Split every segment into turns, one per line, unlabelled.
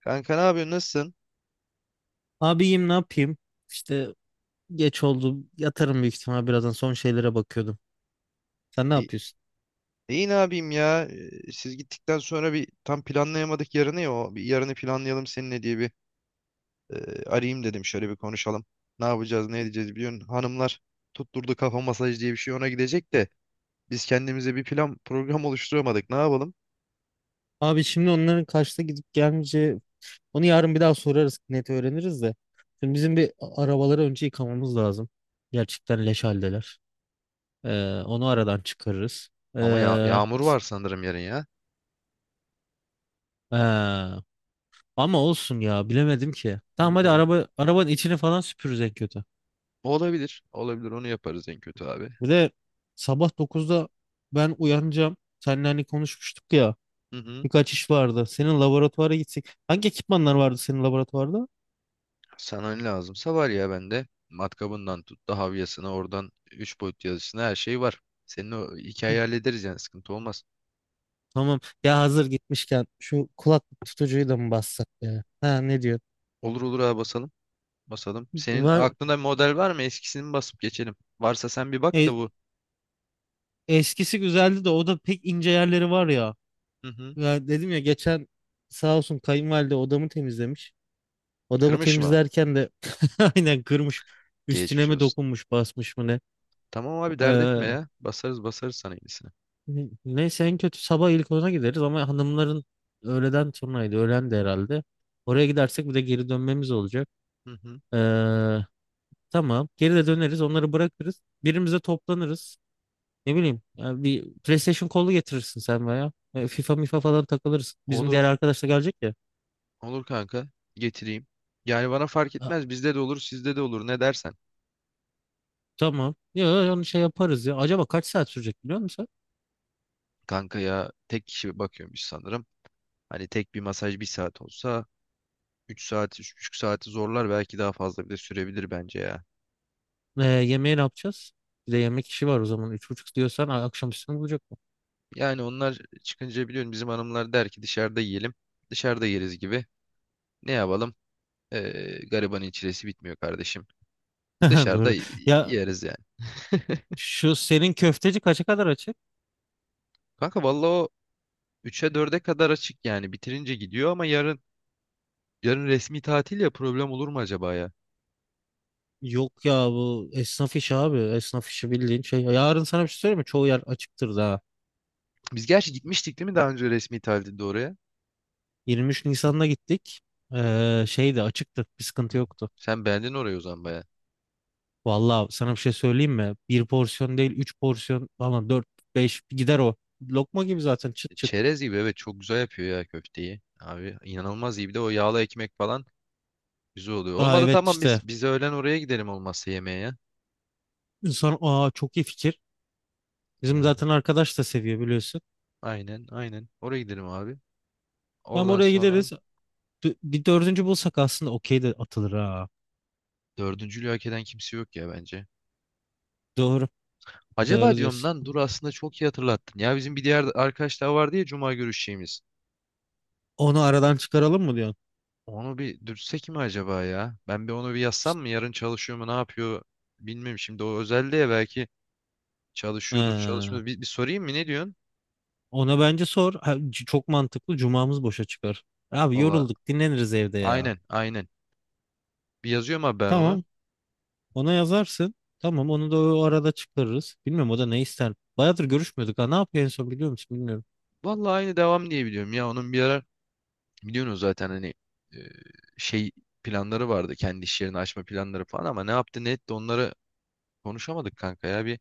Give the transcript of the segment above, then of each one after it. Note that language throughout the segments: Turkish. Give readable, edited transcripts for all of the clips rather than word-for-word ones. Kanka ne yapıyorsun? Nasılsın?
Abiyim ne yapayım? İşte geç oldu. Yatarım büyük ihtimal birazdan son şeylere bakıyordum. Sen ne
İyi,
yapıyorsun?
iyi ne yapayım ya? Siz gittikten sonra bir tam planlayamadık yarını ya. O bir yarını planlayalım seninle diye bir e, arayayım dedim. Şöyle bir konuşalım. Ne yapacağız, ne edeceğiz biliyorsun. Hanımlar tutturdu kafa masaj diye bir şey ona gidecek de biz kendimize bir plan program oluşturamadık. Ne yapalım?
Abi şimdi onların kaçta gidip gelmeyeceği onu yarın bir daha sorarız net öğreniriz de. Şimdi bizim bir arabaları önce yıkamamız lazım. Gerçekten leş haldeler. Onu aradan çıkarırız.
Ama ya
Ee,
yağmur var sanırım yarın ya.
ee, Ama olsun ya bilemedim ki. Tamam hadi
Öyle-
arabanın içini falan süpürürüz en kötü.
Olabilir. Olabilir. Onu yaparız en kötü abi.
Bir de sabah 9'da ben uyanacağım. Seninle hani konuşmuştuk ya.
Hı hı.
Birkaç iş vardı. Senin laboratuvara gitsek. Hangi ekipmanlar vardı senin laboratuvarda?
Sana ne lazımsa var ya bende. Matkabından tut da havyasına oradan 3 boyut yazısına her şey var. Senin o
Hı,
hikayeyi hallederiz yani sıkıntı olmaz.
tamam. Ya hazır gitmişken şu kulaklık tutucuyu da mı bassak ya? Ha ne diyor?
Olur olur abi basalım. Basalım. Senin
Var.
aklında model var mı? Eskisini mi basıp geçelim? Varsa sen bir bak da
E,
bu.
Eskisi güzeldi de o da pek ince yerleri var ya.
Hı hı.
Ya dedim ya geçen sağ olsun kayınvalide odamı temizlemiş. Odamı
Kırmış mı?
temizlerken de aynen kırmış. Üstüne
Geçmiş
mi
olsun.
dokunmuş basmış mı ne?
Tamam abi dert etme
Ee,
ya. Basarız basarız sana yenisini.
Neyse en kötü sabah ilk ona gideriz ama hanımların öğleden sonraydı. Öğlen de herhalde. Oraya gidersek bir de geri dönmemiz olacak.
Hı hı.
Ee, tamam. Geri de döneriz. Onları bırakırız. Birimize toplanırız. Ne bileyim, ya bir PlayStation kolu getirirsin sen veya. FIFA mifa falan takılırız. Bizim diğer
Olur.
arkadaş da gelecek ya.
Olur kanka. Getireyim. Yani bana fark
Ha,
etmez. Bizde de olur, sizde de olur. Ne dersen.
tamam. Ya onu şey yaparız ya. Acaba kaç saat sürecek biliyor musun?
Kanka ya tek kişi bakıyormuş sanırım. Hani tek bir masaj bir saat olsa 3 saati, 3,5 saati zorlar belki daha fazla bile sürebilir bence ya.
Sen? Yemeği ne yapacağız? Bir de yemek işi var o zaman. Üç buçuk diyorsan akşam üstüne bulacak mı?
Yani onlar çıkınca biliyorum bizim hanımlar der ki dışarıda yiyelim. Dışarıda yeriz gibi. Ne yapalım? Garibanın çilesi bitmiyor kardeşim. Dışarıda
Doğru. Ya
yeriz yani.
şu senin köfteci kaça kadar açık?
Kanka vallahi o 3'e 4'e kadar açık yani. Bitirince gidiyor ama yarın yarın resmi tatil ya, problem olur mu acaba ya?
Yok ya bu esnaf işi abi. Esnaf işi bildiğin şey. Yarın sana bir şey söyleyeyim mi? Çoğu yer açıktır daha.
Biz gerçi gitmiştik değil mi daha önce resmi tatilde oraya?
23 Nisan'da gittik. Şey de açıktı. Bir
Hı.
sıkıntı yoktu.
Sen beğendin orayı o zaman baya.
Vallahi sana bir şey söyleyeyim mi? Bir porsiyon değil, üç porsiyon falan dört, beş gider o. Lokma gibi zaten çıt çıt.
Çerez gibi, evet, çok güzel yapıyor ya köfteyi. Abi inanılmaz iyi. Bir de o yağlı ekmek falan güzel oluyor.
Aa
Olmadı
evet
tamam,
işte.
biz öğlen oraya gidelim olmazsa yemeğe ya.
İnsan aa çok iyi fikir. Bizim
Yani
zaten arkadaş da seviyor biliyorsun.
aynen, aynen. Oraya gidelim abi.
Hem
Oradan
oraya
sonra
gideriz. Bir dördüncü bulsak aslında okey de atılır ha.
dördüncülüğü hak eden kimse yok ya bence.
Doğru.
Acaba
Doğru
diyorum,
diyorsun.
lan dur, aslında çok iyi hatırlattın. Ya bizim bir diğer arkadaş daha vardı ya, cuma görüşeceğimiz.
Onu aradan çıkaralım mı diyorsun?
Onu bir dürtsek mi acaba ya? Ben bir onu bir yazsam mı? Yarın çalışıyor mu, ne yapıyor? Bilmiyorum, şimdi o özel diye belki çalışıyordur,
Ee,
çalışmıyor. Bir sorayım mı, ne diyorsun?
Ona bence sor. Ha, çok mantıklı. Cumamız boşa çıkar. Abi
Valla
yorulduk, dinleniriz evde ya.
aynen, aynen. Bir yazıyorum abi ben ona.
Tamam, ona yazarsın. Tamam, onu da o arada çıkarırız. Bilmiyorum o da ne ister. Bayağıdır görüşmüyorduk ha. Ne yapıyor en son biliyor musun? Bilmiyorum.
Valla aynı devam diye biliyorum ya onun bir ara. Biliyorsunuz zaten hani e, şey planları vardı. Kendi iş yerini açma planları falan, ama ne yaptı ne etti onları konuşamadık kanka ya. Bir,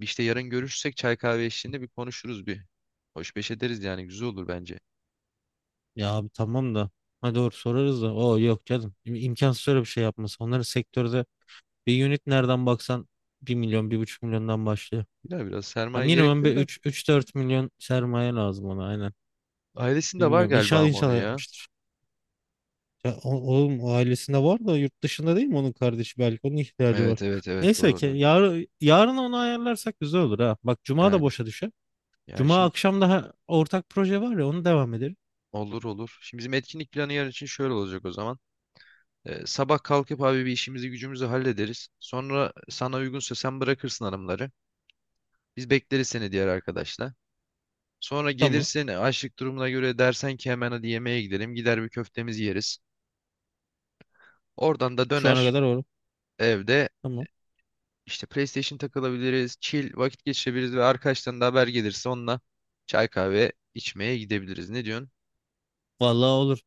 bir işte yarın görüşsek çay kahve eşliğinde bir konuşuruz bir. Hoş beş ederiz yani, güzel olur bence.
Ya abi tamam da. Ha doğru sorarız da. Oo yok canım. İm- imkansız öyle bir şey yapması. Onların sektörde bir unit nereden baksan bir milyon, bir buçuk milyondan başlıyor.
Biraz biraz
Ya
sermaye
minimum
gerekiyor
bir
da.
üç dört milyon sermaye lazım ona aynen.
Ailesinde var
Bilmiyorum.
galiba
İnşallah
ama onu
inşallah
ya.
yapmıştır. Ya, oğlum o ailesinde var da yurt dışında değil mi onun kardeşi belki onun ihtiyacı var.
Evet, evet, evet,
Neyse ki
doğru.
yarın onu ayarlarsak güzel olur ha. Bak cuma da
Yani
boşa düşer.
yani
Cuma
şimdi
akşam daha ortak proje var ya onu devam edelim.
olur olur. Şimdi bizim etkinlik planı yarın için şöyle olacak o zaman. Sabah kalkıp abi bir işimizi gücümüzü hallederiz. Sonra sana uygunsa sen bırakırsın hanımları. Biz bekleriz seni, diğer arkadaşlar. Sonra
Tamam.
gelirsin, açlık durumuna göre dersen ki hemen hadi yemeğe gidelim. Gider bir köftemizi yeriz. Oradan da
Şu ana
döner
kadar olur.
evde
Tamam.
işte PlayStation takılabiliriz. Chill vakit geçirebiliriz ve arkadaştan da haber gelirse onunla çay kahve içmeye gidebiliriz. Ne diyorsun?
Vallahi olur.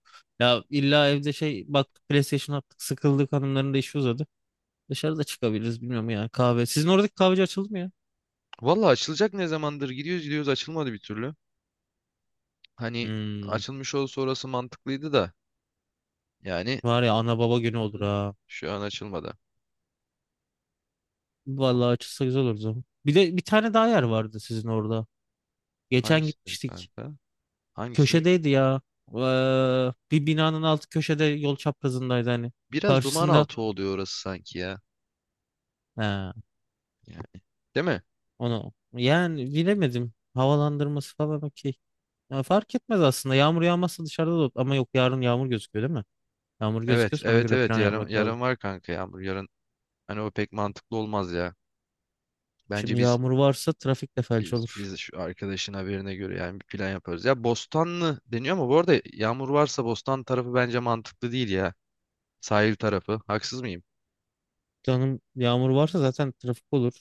Ya illa evde şey bak PlayStation attık sıkıldık hanımların da işi uzadı. Dışarıda çıkabiliriz bilmiyorum ya kahve. Sizin oradaki kahveci açıldı mı ya?
Valla açılacak, ne zamandır gidiyoruz gidiyoruz açılmadı bir türlü. Hani
Hmm,
açılmış olsa orası mantıklıydı da, yani,
Var ya ana baba günü
hı
olur
hı,
ha.
şu an açılmadı.
Vallahi açılsa güzel olur o zaman. Bir de bir tane daha yer vardı sizin orada. Geçen
Hangisini diyorum
gitmiştik.
kanka? Hangisini diyorum?
Köşedeydi ya. Bir binanın altı köşede yol çaprazındaydı hani.
Biraz duman
Karşısında
altı oluyor orası sanki ya.
he,
Yani, değil mi?
onu yani bilemedim. Havalandırması falan okey. Ya fark etmez aslında. Yağmur yağmazsa dışarıda da ama yok yarın yağmur gözüküyor değil mi? Yağmur
Evet,
gözüküyorsa ona
evet,
göre
evet.
plan
Yarın
yapmak lazım.
yarın var kanka yağmur. Yarın hani o pek mantıklı olmaz ya. Bence
Şimdi
biz
yağmur varsa trafik de felç
biz,
olur.
biz şu arkadaşın haberine göre yani bir plan yaparız. Ya Bostanlı deniyor ama bu arada yağmur varsa Bostan tarafı bence mantıklı değil ya. Sahil tarafı. Haksız mıyım?
Canım yağmur varsa zaten trafik olur.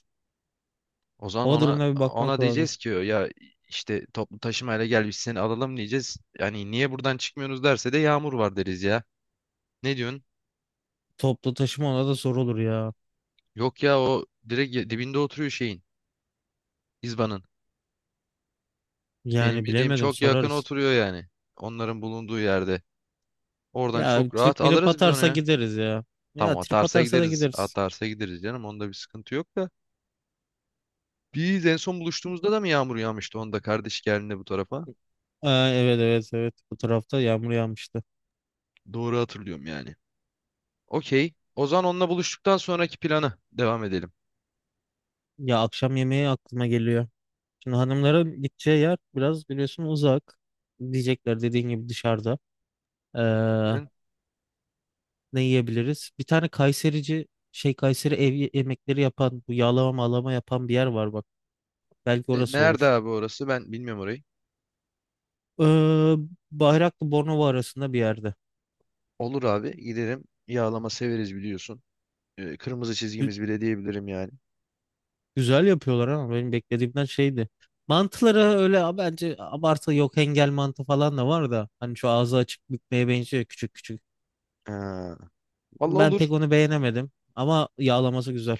O zaman
Hava
ona
durumuna bir bakmak
ona
lazım.
diyeceğiz ki ya işte toplu taşımayla gel, biz seni alalım diyeceğiz. Yani niye buradan çıkmıyorsunuz derse de yağmur var deriz ya. Ne diyorsun?
Toplu taşıma ona da zor olur ya.
Yok ya, o direkt dibinde oturuyor şeyin. İzban'ın. Benim
Yani
bildiğim
bilemedim
çok yakın
sorarız.
oturuyor yani. Onların bulunduğu yerde. Oradan
Ya
çok rahat
trip mirip
alırız biz onu
atarsa
ya.
gideriz ya. Ya
Tamam,
trip
atarsa
atarsa da
gideriz.
gideriz.
Atarsa gideriz canım. Onda bir sıkıntı yok da. Biz en son buluştuğumuzda da mı yağmur yağmıştı? Onda, kardeş geldiğinde bu tarafa.
Aa, evet evet evet bu tarafta yağmur yağmıştı.
Doğru hatırlıyorum yani. Okey. O zaman onunla buluştuktan sonraki plana devam edelim.
Ya akşam yemeği aklıma geliyor. Şimdi hanımların gideceği yer biraz biliyorsun uzak. Diyecekler dediğin gibi dışarıda. Ee,
Senin-
Ne yiyebiliriz? Bir tane Kayseri ev yemekleri yapan bu yağlama mağlama yapan bir yer var bak. Belki
E,
orası
Nerede
olur.
abi orası? Ben bilmiyorum orayı.
Ee, Bayraklı Bornova arasında bir yerde.
Olur abi, giderim. Yağlama severiz biliyorsun. Kırmızı çizgimiz bile diyebilirim yani.
Güzel yapıyorlar ama benim beklediğimden şeydi. Mantıları öyle bence abartı yok engel mantı falan da var da hani şu ağzı açık bükmeye benziyor küçük küçük.
Ha. Vallahi
Ben
olur.
pek onu beğenemedim ama yağlaması güzel.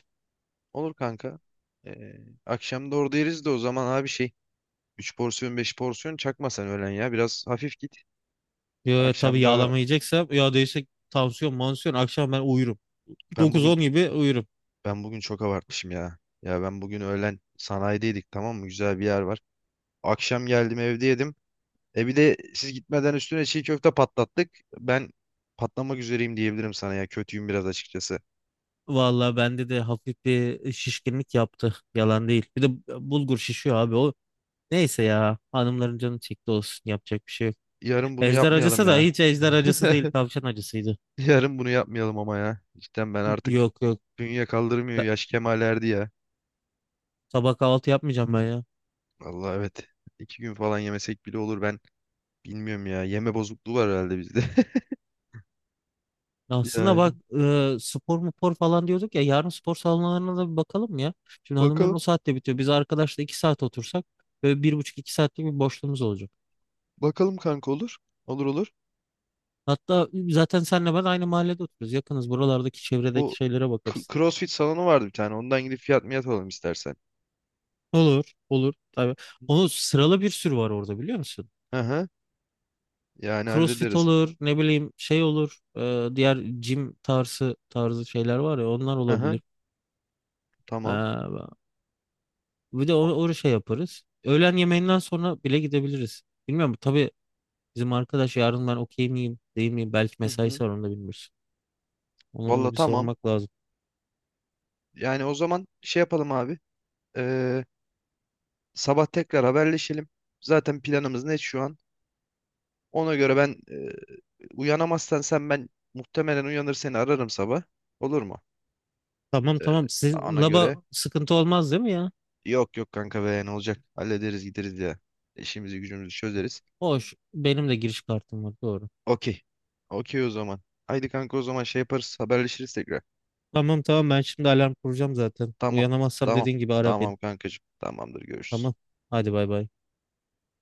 Olur kanka. Ee, akşam da orada yeriz de, o zaman abi şey 3 porsiyon 5 porsiyon çakma sen öğlen ya. Biraz hafif git. Hı.
Ya, tabii
Akşam da
yağlama yiyeceksem ya değilse tansiyon mansiyon akşam ben uyurum.
ben
Dokuz
bugün
on gibi uyurum.
ben bugün çok abartmışım ya. Ya ben bugün öğlen sanayideydik, tamam mı? Güzel bir yer var. Akşam geldim evde yedim. E bir de siz gitmeden üstüne çiğ köfte patlattık. Ben patlamak üzereyim diyebilirim sana ya. Kötüyüm biraz açıkçası.
Vallahi bende de hafif bir şişkinlik yaptı. Yalan değil. Bir de bulgur şişiyor abi o. Neyse ya hanımların canı çekti olsun yapacak bir şey yok.
Yarın bunu
Ejder
yapmayalım
acısı da
ya.
hiç ejder acısı değil tavşan acısıydı.
Yarın bunu yapmayalım ama ya. Cidden ben artık
Yok yok
dünya kaldırmıyor.
Ben-
Yaş kemale erdi ya.
Sabah kahvaltı yapmayacağım ben ya.
Vallahi evet. 2 gün falan yemesek bile olur. Ben bilmiyorum ya. Yeme bozukluğu var herhalde bizde.
Aslında
Yani.
bak spor mupor falan diyorduk ya yarın spor salonlarına da bir bakalım ya. Şimdi hanımların
Bakalım.
o saatte bitiyor. Biz arkadaşla iki saat otursak böyle bir buçuk iki saatlik bir boşluğumuz olacak.
Bakalım kanka, olur. Olur olur.
Hatta zaten senle ben aynı mahallede oturuyoruz. Yakınız buralardaki çevredeki
Bu
şeylere bakarız.
CrossFit salonu vardı bir tane. Ondan gidip fiyat miyat alalım istersen.
Olur olur tabii. Onu sıralı bir sürü var orada biliyor musun?
Hı hı. Yani
CrossFit
hallederiz.
olur ne bileyim şey olur. Diğer gym tarzı tarzı şeyler var ya onlar
Hı hı.
olabilir.
Tamam.
Ha, bir de o şey yaparız. Öğlen yemeğinden sonra bile gidebiliriz. Bilmiyorum tabii bizim arkadaş yarın ben okey miyim değil miyim? Belki
Hı hı.
mesaisi var onu da bilmiyoruz. Onu,
Valla
onu bir
tamam.
sormak lazım.
Yani o zaman şey yapalım abi. Ee, sabah tekrar haberleşelim. Zaten planımız net şu an. Ona göre ben uyanamazsan sen, ben muhtemelen uyanır seni ararım sabah. Olur mu?
Tamam tamam sizin
Ona
laba
göre.
sıkıntı olmaz değil mi ya?
Yok yok kanka be, ne olacak? Hallederiz, gideriz ya. İşimizi gücümüzü çözeriz.
Hoş benim de giriş kartım var doğru.
Okey. Okey o zaman. Haydi kanka, o zaman şey yaparız, haberleşiriz tekrar.
Tamam tamam ben şimdi alarm kuracağım zaten.
Tamam.
Uyanamazsam
Tamam.
dediğin gibi ara beni.
Tamam kankacığım. Tamamdır, görüşürüz.
Tamam hadi bay bay.